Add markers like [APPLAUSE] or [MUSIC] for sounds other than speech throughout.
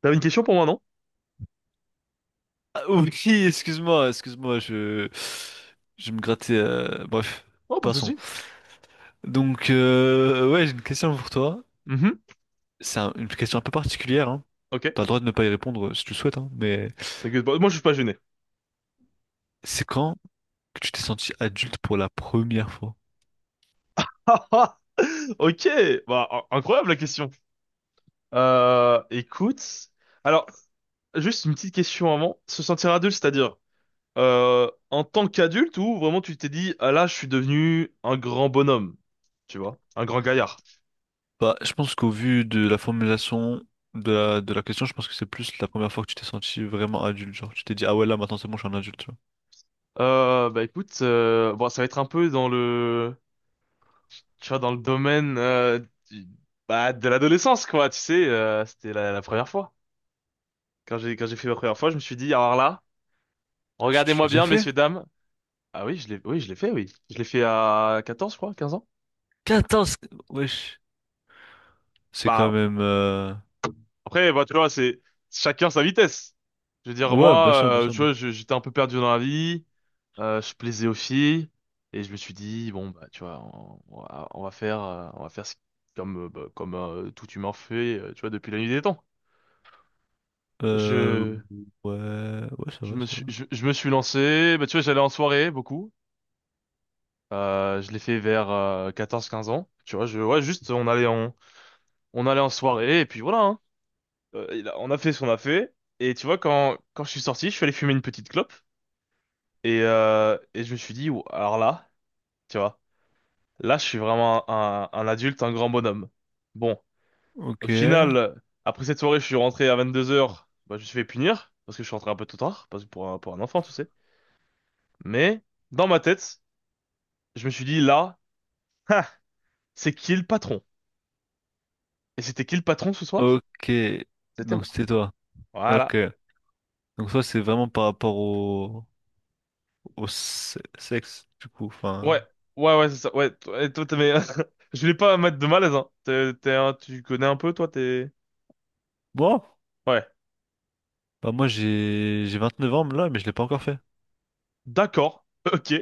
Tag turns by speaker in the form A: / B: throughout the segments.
A: T'avais une question pour moi, non?
B: Ah, oui, [LAUGHS] excuse-moi, excuse-moi, je me grattais. Bref,
A: Oh, pas de
B: passons.
A: souci.
B: Donc, ouais, j'ai une question pour toi.
A: Mhm.
B: C'est une question un peu particulière, hein.
A: Ok.
B: T'as le droit de ne pas y répondre si tu le souhaites, hein, mais
A: T'inquiète pas. Moi, je suis pas gêné.
B: c'est quand que tu t'es senti adulte pour la première fois?
A: [LAUGHS] Ah, ah. Ok. Bah, incroyable la question. Écoute. Alors, juste une petite question avant. Se sentir adulte, c'est-à-dire en tant qu'adulte ou vraiment tu t'es dit, ah là, je suis devenu un grand bonhomme, tu vois, un grand gaillard.
B: Bah, je pense qu'au vu de la formulation de la question, je pense que c'est plus la première fois que tu t'es senti vraiment adulte. Genre, tu t'es dit, ah ouais, là, maintenant, c'est bon, je suis un adulte, tu vois.
A: Bah écoute, bon, ça va être un peu dans le, tu vois, dans le domaine du- bah, de l'adolescence, quoi. Tu sais, c'était la première fois. Quand j'ai fait ma première fois, je me suis dit, alors là.
B: Ah, tu l'as
A: Regardez-moi
B: déjà
A: bien,
B: fait?
A: messieurs, dames. Ah oui, je l'ai fait, oui. Je l'ai fait à 14, je crois, 15 ans.
B: 14. Wesh. C'est quand
A: Bah,
B: même...
A: après, bah, tu vois, c'est chacun sa vitesse. Je veux dire,
B: Ouais,
A: moi,
B: bien sûr, bien sûr,
A: tu
B: bien
A: vois,
B: sûr.
A: j'étais un peu perdu dans la vie, je plaisais aux filles, et je me suis dit, bon, bah, tu vois, on va faire, bah, comme tout humain fait, tu vois, depuis la nuit des temps.
B: Euh,
A: Je,
B: ouais, ouais, ça
A: je
B: va,
A: me
B: ça
A: suis,
B: va.
A: je, je me suis lancé, bah, tu vois, j'allais en soirée, beaucoup. Je l'ai fait vers 14-15 ans. Tu vois, ouais, juste, on allait en soirée, et puis voilà, hein. On a fait ce qu'on a fait. Et tu vois, quand je suis sorti, je suis allé fumer une petite clope. Et je me suis dit, Ouh, alors là, tu vois, là, je suis vraiment un adulte, un grand bonhomme. Bon, au
B: Ok,
A: final, après cette soirée, je suis rentré à 22h. Bah, je me suis fait punir, parce que je suis rentré un peu tôt tard, parce que pour un enfant, tu sais. Mais, dans ma tête, je me suis dit, là, ha, c'est qui le patron? Et c'était qui le patron ce soir?
B: ok.
A: C'était
B: Donc
A: moi.
B: c'était toi. Ok.
A: Voilà.
B: Donc toi, c'est vraiment par rapport au sexe, du coup. Enfin,
A: Ouais, ouais, ouais, c'est ça. Ouais, toi, et toi, mais [LAUGHS] je voulais pas mettre de malaise, hein. T'es, tu connais un peu, toi, t'es.
B: bon,
A: Ouais,
B: bah moi j'ai 29 ans là, mais je l'ai pas encore fait.
A: d'accord, [LAUGHS] ok.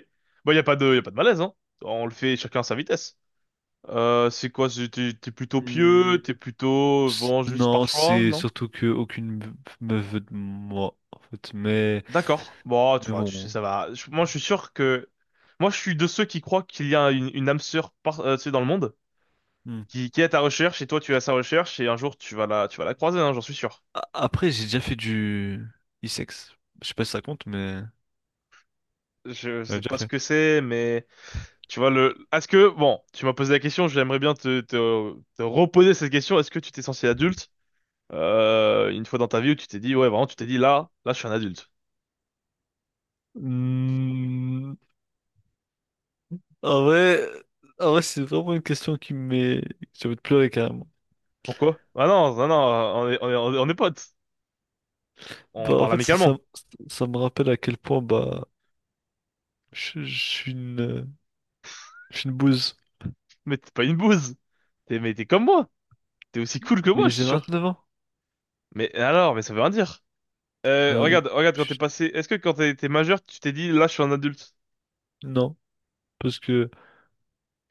A: Bah, y a pas de malaise, hein. On le fait chacun à sa vitesse. C'est quoi, t'es plutôt
B: Hmm,
A: pieux, t'es plutôt, bon, juste par
B: Non,
A: choix,
B: c'est
A: non?
B: surtout que aucune me veut de moi, en fait.
A: D'accord. Bon, tu
B: Mais
A: vois, tu sais,
B: bon.
A: ça va. Moi, je suis sûr que. Moi, je suis de ceux qui croient qu'il y a une âme sœur par, tu sais, dans le monde,
B: Hmm.
A: qui est à ta recherche, et toi, tu es à sa recherche, et un jour, tu vas la croiser, hein, j'en suis sûr.
B: Après, j'ai déjà fait du e-sex. Je sais pas si ça compte, mais
A: Je
B: j'en ai
A: sais
B: déjà
A: pas ce
B: fait.
A: que c'est, mais. Tu vois, est-ce que, bon, tu m'as posé la question, j'aimerais bien te reposer cette question. Est-ce que tu t'es senti adulte, une fois dans ta vie où tu t'es dit, ouais, vraiment, tu t'es dit, là, je suis un adulte.
B: Hmm, En vrai, en vrai, c'est vraiment une question qui me met... J'ai envie de pleurer carrément.
A: Pourquoi? Ah non, non, non, on est potes. On
B: Bah, en
A: parle
B: fait,
A: amicalement.
B: ça me rappelle à quel point bah, je suis je suis une bouse.
A: Mais t'es pas une bouse. Mais t'es comme moi. T'es aussi cool que moi,
B: Mais
A: je suis
B: j'ai
A: sûr.
B: 29 ans.
A: Mais alors, ça veut rien dire.
B: Je suis un-
A: Regarde, regarde,
B: je-
A: est-ce que quand t'es majeur, tu t'es dit, là, je suis un adulte?
B: Non, parce que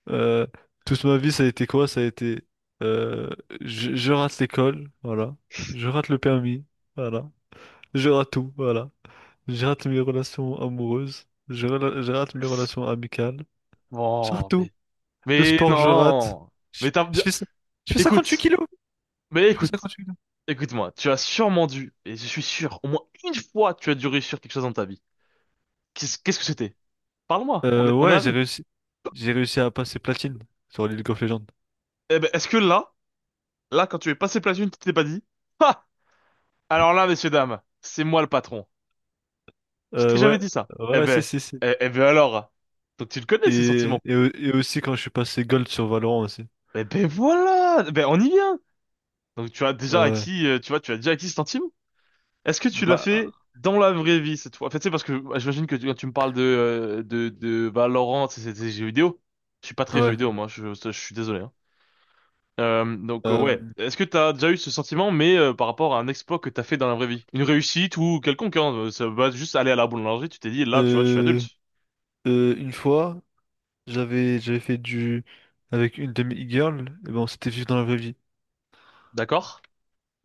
B: euh, toute ma vie, ça a été quoi? Ça a été euh, je rate l'école, voilà. Je rate le permis, voilà. Je rate tout, voilà. Je rate mes relations amoureuses. Je rate mes relations amicales. Je rate
A: Bon,
B: tout.
A: mais,
B: Le
A: mais
B: sport, je rate.
A: non. Mais t'as
B: Je
A: bien,
B: fais ça. Je fais 58
A: Écoute,
B: kilos. Je fais
A: écoute.
B: 58 kilos.
A: Écoute-moi, tu as sûrement dû, et je suis sûr, au moins une fois, tu as dû réussir quelque chose dans ta vie. Qu'est-ce que c'était? Parle-moi, on est, on est
B: Ouais, j'ai
A: amis.
B: réussi. J'ai réussi à passer platine sur League of Legends.
A: Eh ben, est-ce que là, quand tu es passé platine, tu t'es pas dit, Ah! Alors là, messieurs, dames, c'est moi le patron. Je t'ai jamais
B: Ouais.
A: dit ça. Eh
B: Ouais, si,
A: ben,
B: si, si.
A: eh, eh ben alors. Donc tu le connais, ce sentiment.
B: Et, et aussi quand je suis passé gold sur Valorant aussi.
A: Eh ben voilà, eh ben on y vient. Donc tu as déjà
B: Ouais.
A: acquis, tu vois, tu as déjà acquis ce sentiment. Est-ce que tu l'as
B: Bah,
A: fait dans la vraie vie cette fois? En fait, c'est parce que bah, j'imagine que quand tu me parles de de Valorant, c'est des jeux vidéo. Je suis pas très jeu
B: ouais.
A: vidéo moi, je suis désolé. Hein. Donc ouais,
B: Euh,
A: est-ce que t'as déjà eu ce sentiment, mais par rapport à un exploit que t'as fait dans la vraie vie, une réussite ou quelconque, hein, ça va juste aller à la boulangerie, tu t'es dit là, tu vois, je suis
B: euh,
A: adulte,
B: une fois, j'avais fait du avec une de mes e-girls, et ben on s'était vu dans la vraie vie.
A: d'accord?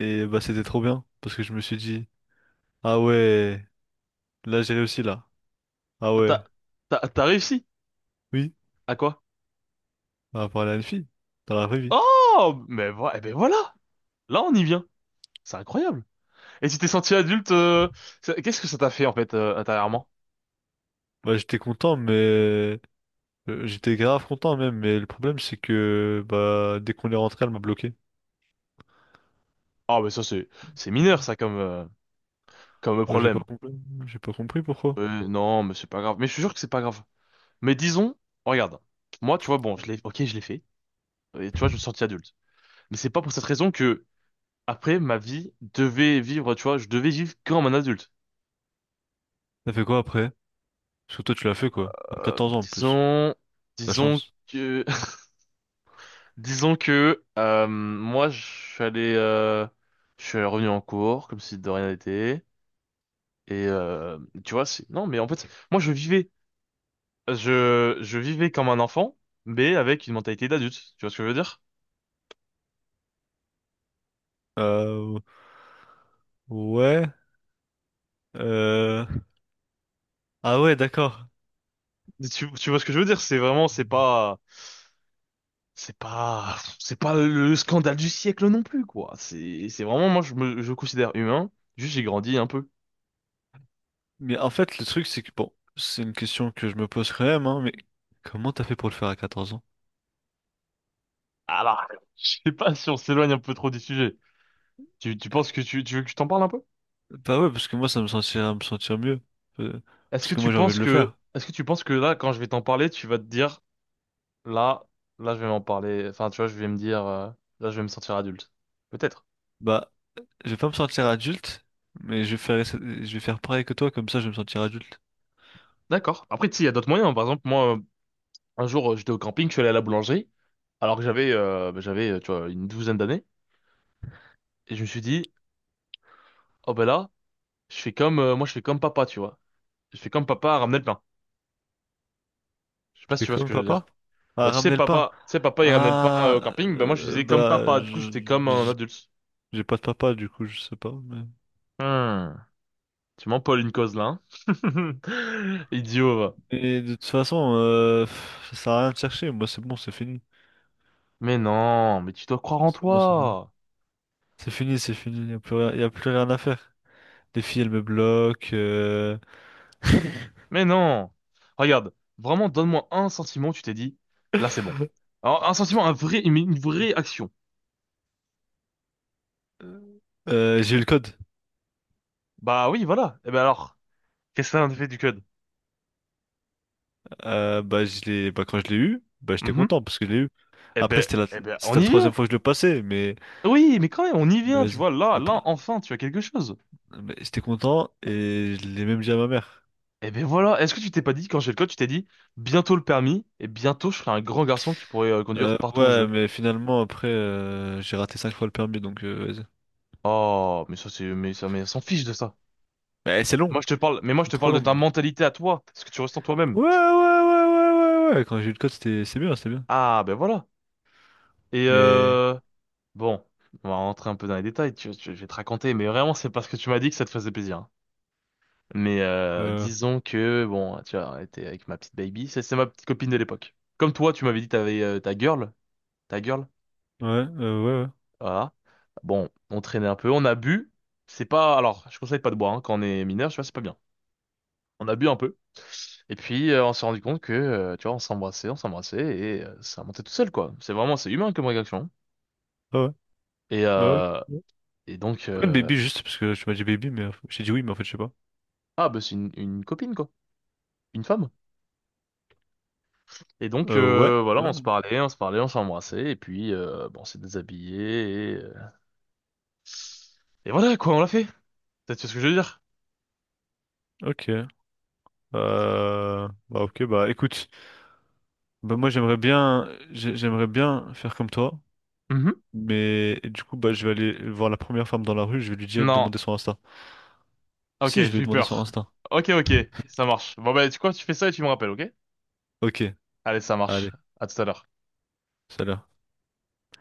B: Et bah c'était trop bien parce que je me suis dit ah ouais, là j'ai réussi là. Ah ouais.
A: T'as t'as réussi
B: Oui.
A: à quoi?
B: Par rapport à une fille, dans la vraie vie.
A: Oh, mais eh ben voilà, là on y vient, c'est incroyable. Et tu t'es senti adulte, qu'est-ce que ça t'a fait en fait intérieurement?
B: Bah, j'étais content, mais j'étais grave content même. Mais le problème, c'est que bah, dès qu'on est rentré, elle m'a bloqué.
A: Ah, mais ça, c'est mineur, ça, comme
B: Ouais, j'ai pas
A: problème.
B: compris. J'ai pas compris pourquoi.
A: Non, mais c'est pas grave. Mais je suis sûr que c'est pas grave. Mais disons, regarde. Moi, tu vois, bon, ok, je l'ai fait. Et tu vois, je me suis senti adulte. Mais c'est pas pour cette raison que, après, ma vie devait vivre, tu vois, je devais vivre comme un adulte.
B: T'as fait quoi après? Parce que toi, tu l'as fait quoi? À
A: Euh,
B: 14 ans en plus.
A: disons,
B: La
A: Disons
B: chance.
A: que, [LAUGHS] moi, je suis revenu en cours, comme si de rien n'était. Et, euh, Tu vois, non, mais en fait, moi, je vivais. Je vivais comme un enfant, mais avec une mentalité d'adulte. Tu vois ce que je veux dire?
B: Euh, ouais. Euh... Ah ouais, d'accord.
A: Tu vois ce que je veux dire? C'est vraiment, c'est pas, c'est pas, C'est pas le scandale du siècle non plus, quoi. C'est vraiment, moi, je considère humain. Juste, j'ai grandi un peu.
B: Mais en fait, le truc, c'est que bon, c'est une question que je me pose quand même, hein, mais comment t'as fait pour le faire à 14 ans?
A: Alors, [LAUGHS] je sais pas si on s'éloigne un peu trop du sujet. Tu penses que tu veux que je t'en parle un peu?
B: Bah ouais, parce que moi, ça me sentirait me sentir mieux. Euh,
A: Est-ce
B: Parce
A: que
B: que
A: tu
B: moi, j'ai envie de
A: penses
B: le
A: que,
B: faire.
A: est-ce que tu penses que là, quand je vais t'en parler, tu vas te dire, là, là, je vais m'en parler. Enfin, tu vois, je vais me dire, là, je vais me sentir adulte. Peut-être.
B: Bah, je vais pas me sentir adulte, mais je vais je vais faire pareil que toi, comme ça, je vais me sentir adulte.
A: D'accord. Après, tu sais, il y a d'autres moyens. Par exemple, moi, un jour, j'étais au camping, je suis allé à la boulangerie, alors que j'avais, bah, tu vois, une douzaine d'années, et je me suis dit, oh ben là, moi, je fais comme papa, tu vois. Je fais comme papa à ramener le pain. Je sais pas
B: Je
A: si
B: fais
A: tu vois ce
B: comme
A: que je veux
B: papa.
A: dire.
B: Ah,
A: Bah,
B: ramener le pain.
A: tu sais, papa, il ramenait le pain au
B: Ah,
A: camping, bah moi, je faisais comme
B: bah,
A: papa. Du coup, j'étais comme un adulte.
B: j'ai pas de papa, du coup, je sais pas.
A: Hmm. Tu m'empaules une cause là, hein. [LAUGHS] Idiot, va.
B: Mais de toute façon, ça sert à rien de chercher. Moi, c'est bon, c'est fini.
A: Mais non, mais tu dois croire en
B: C'est bon, c'est fini.
A: toi.
B: C'est fini, c'est fini. Y a plus rien, y a plus rien à faire. Les filles, elles me bloquent.
A: Mais non! Regarde, vraiment, donne-moi un sentiment, où tu t'es dit, là c'est bon. Alors, un sentiment, un vrai, une vraie action.
B: J'ai eu le code.
A: Bah oui, voilà. Et ben alors, qu'est-ce que ça en fait du code?
B: Bah, bah, quand je l'ai eu, bah, j'étais
A: Mhm.
B: content parce que je l'ai eu.
A: Eh
B: Après,
A: ben, eh ben, on
B: c'était la
A: y
B: troisième
A: vient!
B: fois que je le passais,
A: Oui, mais quand même, on y
B: mais
A: vient, tu
B: vas-y.
A: vois, là,
B: Après,
A: enfin, tu as quelque chose.
B: mais j'étais content et je l'ai même dit à ma mère.
A: Eh ben voilà, est-ce que tu t'es pas dit, quand j'ai le code, tu t'es dit, bientôt le permis, et bientôt je serai un grand garçon qui pourrait conduire partout où je
B: Ouais,
A: veux.
B: mais finalement, après, j'ai raté 5 fois le permis, donc vas-y.
A: Oh, mais ça c'est, mais ça, mais on s'en fiche de ça.
B: Mais c'est long,
A: Moi je te parle, mais moi je
B: c'est
A: te
B: trop
A: parle de
B: long.
A: ta
B: Même.
A: mentalité à toi, ce que tu restes en toi-même.
B: Ouais, ouais, ouais, ouais, ouais, ouais. Quand j'ai eu le code, c'est bien, c'est bien.
A: Ah ben voilà. Et
B: Mais,
A: euh, Bon, on va rentrer un peu dans les détails, je vais te raconter, mais vraiment c'est parce que tu m'as dit que ça te faisait plaisir. Hein.
B: euh,
A: Disons que, bon, tu as été avec ma petite baby, c'est ma petite copine de l'époque. Comme toi, tu m'avais dit que t'avais ta girl, ta girl,
B: ouais,
A: voilà. Bon, on traînait un peu, on a bu, c'est pas, alors, je conseille pas de boire hein, quand on est mineur, tu vois, c'est pas bien. On a bu un peu, et puis on s'est rendu compte que, tu vois, on s'embrassait, et ça montait tout seul, quoi. C'est vraiment, c'est humain comme réaction. Hein.
B: ouais, ouais,
A: Et,
B: ouais, ouais.
A: euh,
B: Ouais.
A: et donc,
B: Pourquoi le baby juste parce que tu m'as dit baby mais j'ai dit oui mais en fait je sais pas.
A: ah, bah c'est une copine, quoi. Une femme. Et donc,
B: Ouais.
A: voilà, on se
B: Ouais.
A: parlait, on se parlait, on s'embrassait, et puis, bon, on s'est déshabillé, et voilà, quoi, on l'a fait. T'as Tu vois ce que je veux dire?
B: Ok. Bah ok bah écoute bah moi j'aimerais bien faire comme toi
A: Mhm.
B: mais du coup bah je vais aller voir la première femme dans la rue je vais lui dire de
A: Non.
B: demander son Insta.
A: Ok,
B: Si je vais
A: j'ai
B: lui
A: eu
B: demander son
A: peur.
B: Insta.
A: Ok, ok, ça marche. Bon, bah, tu fais ça et tu me rappelles, ok?
B: Ok
A: Allez, ça marche.
B: allez
A: À tout à l'heure.
B: salut.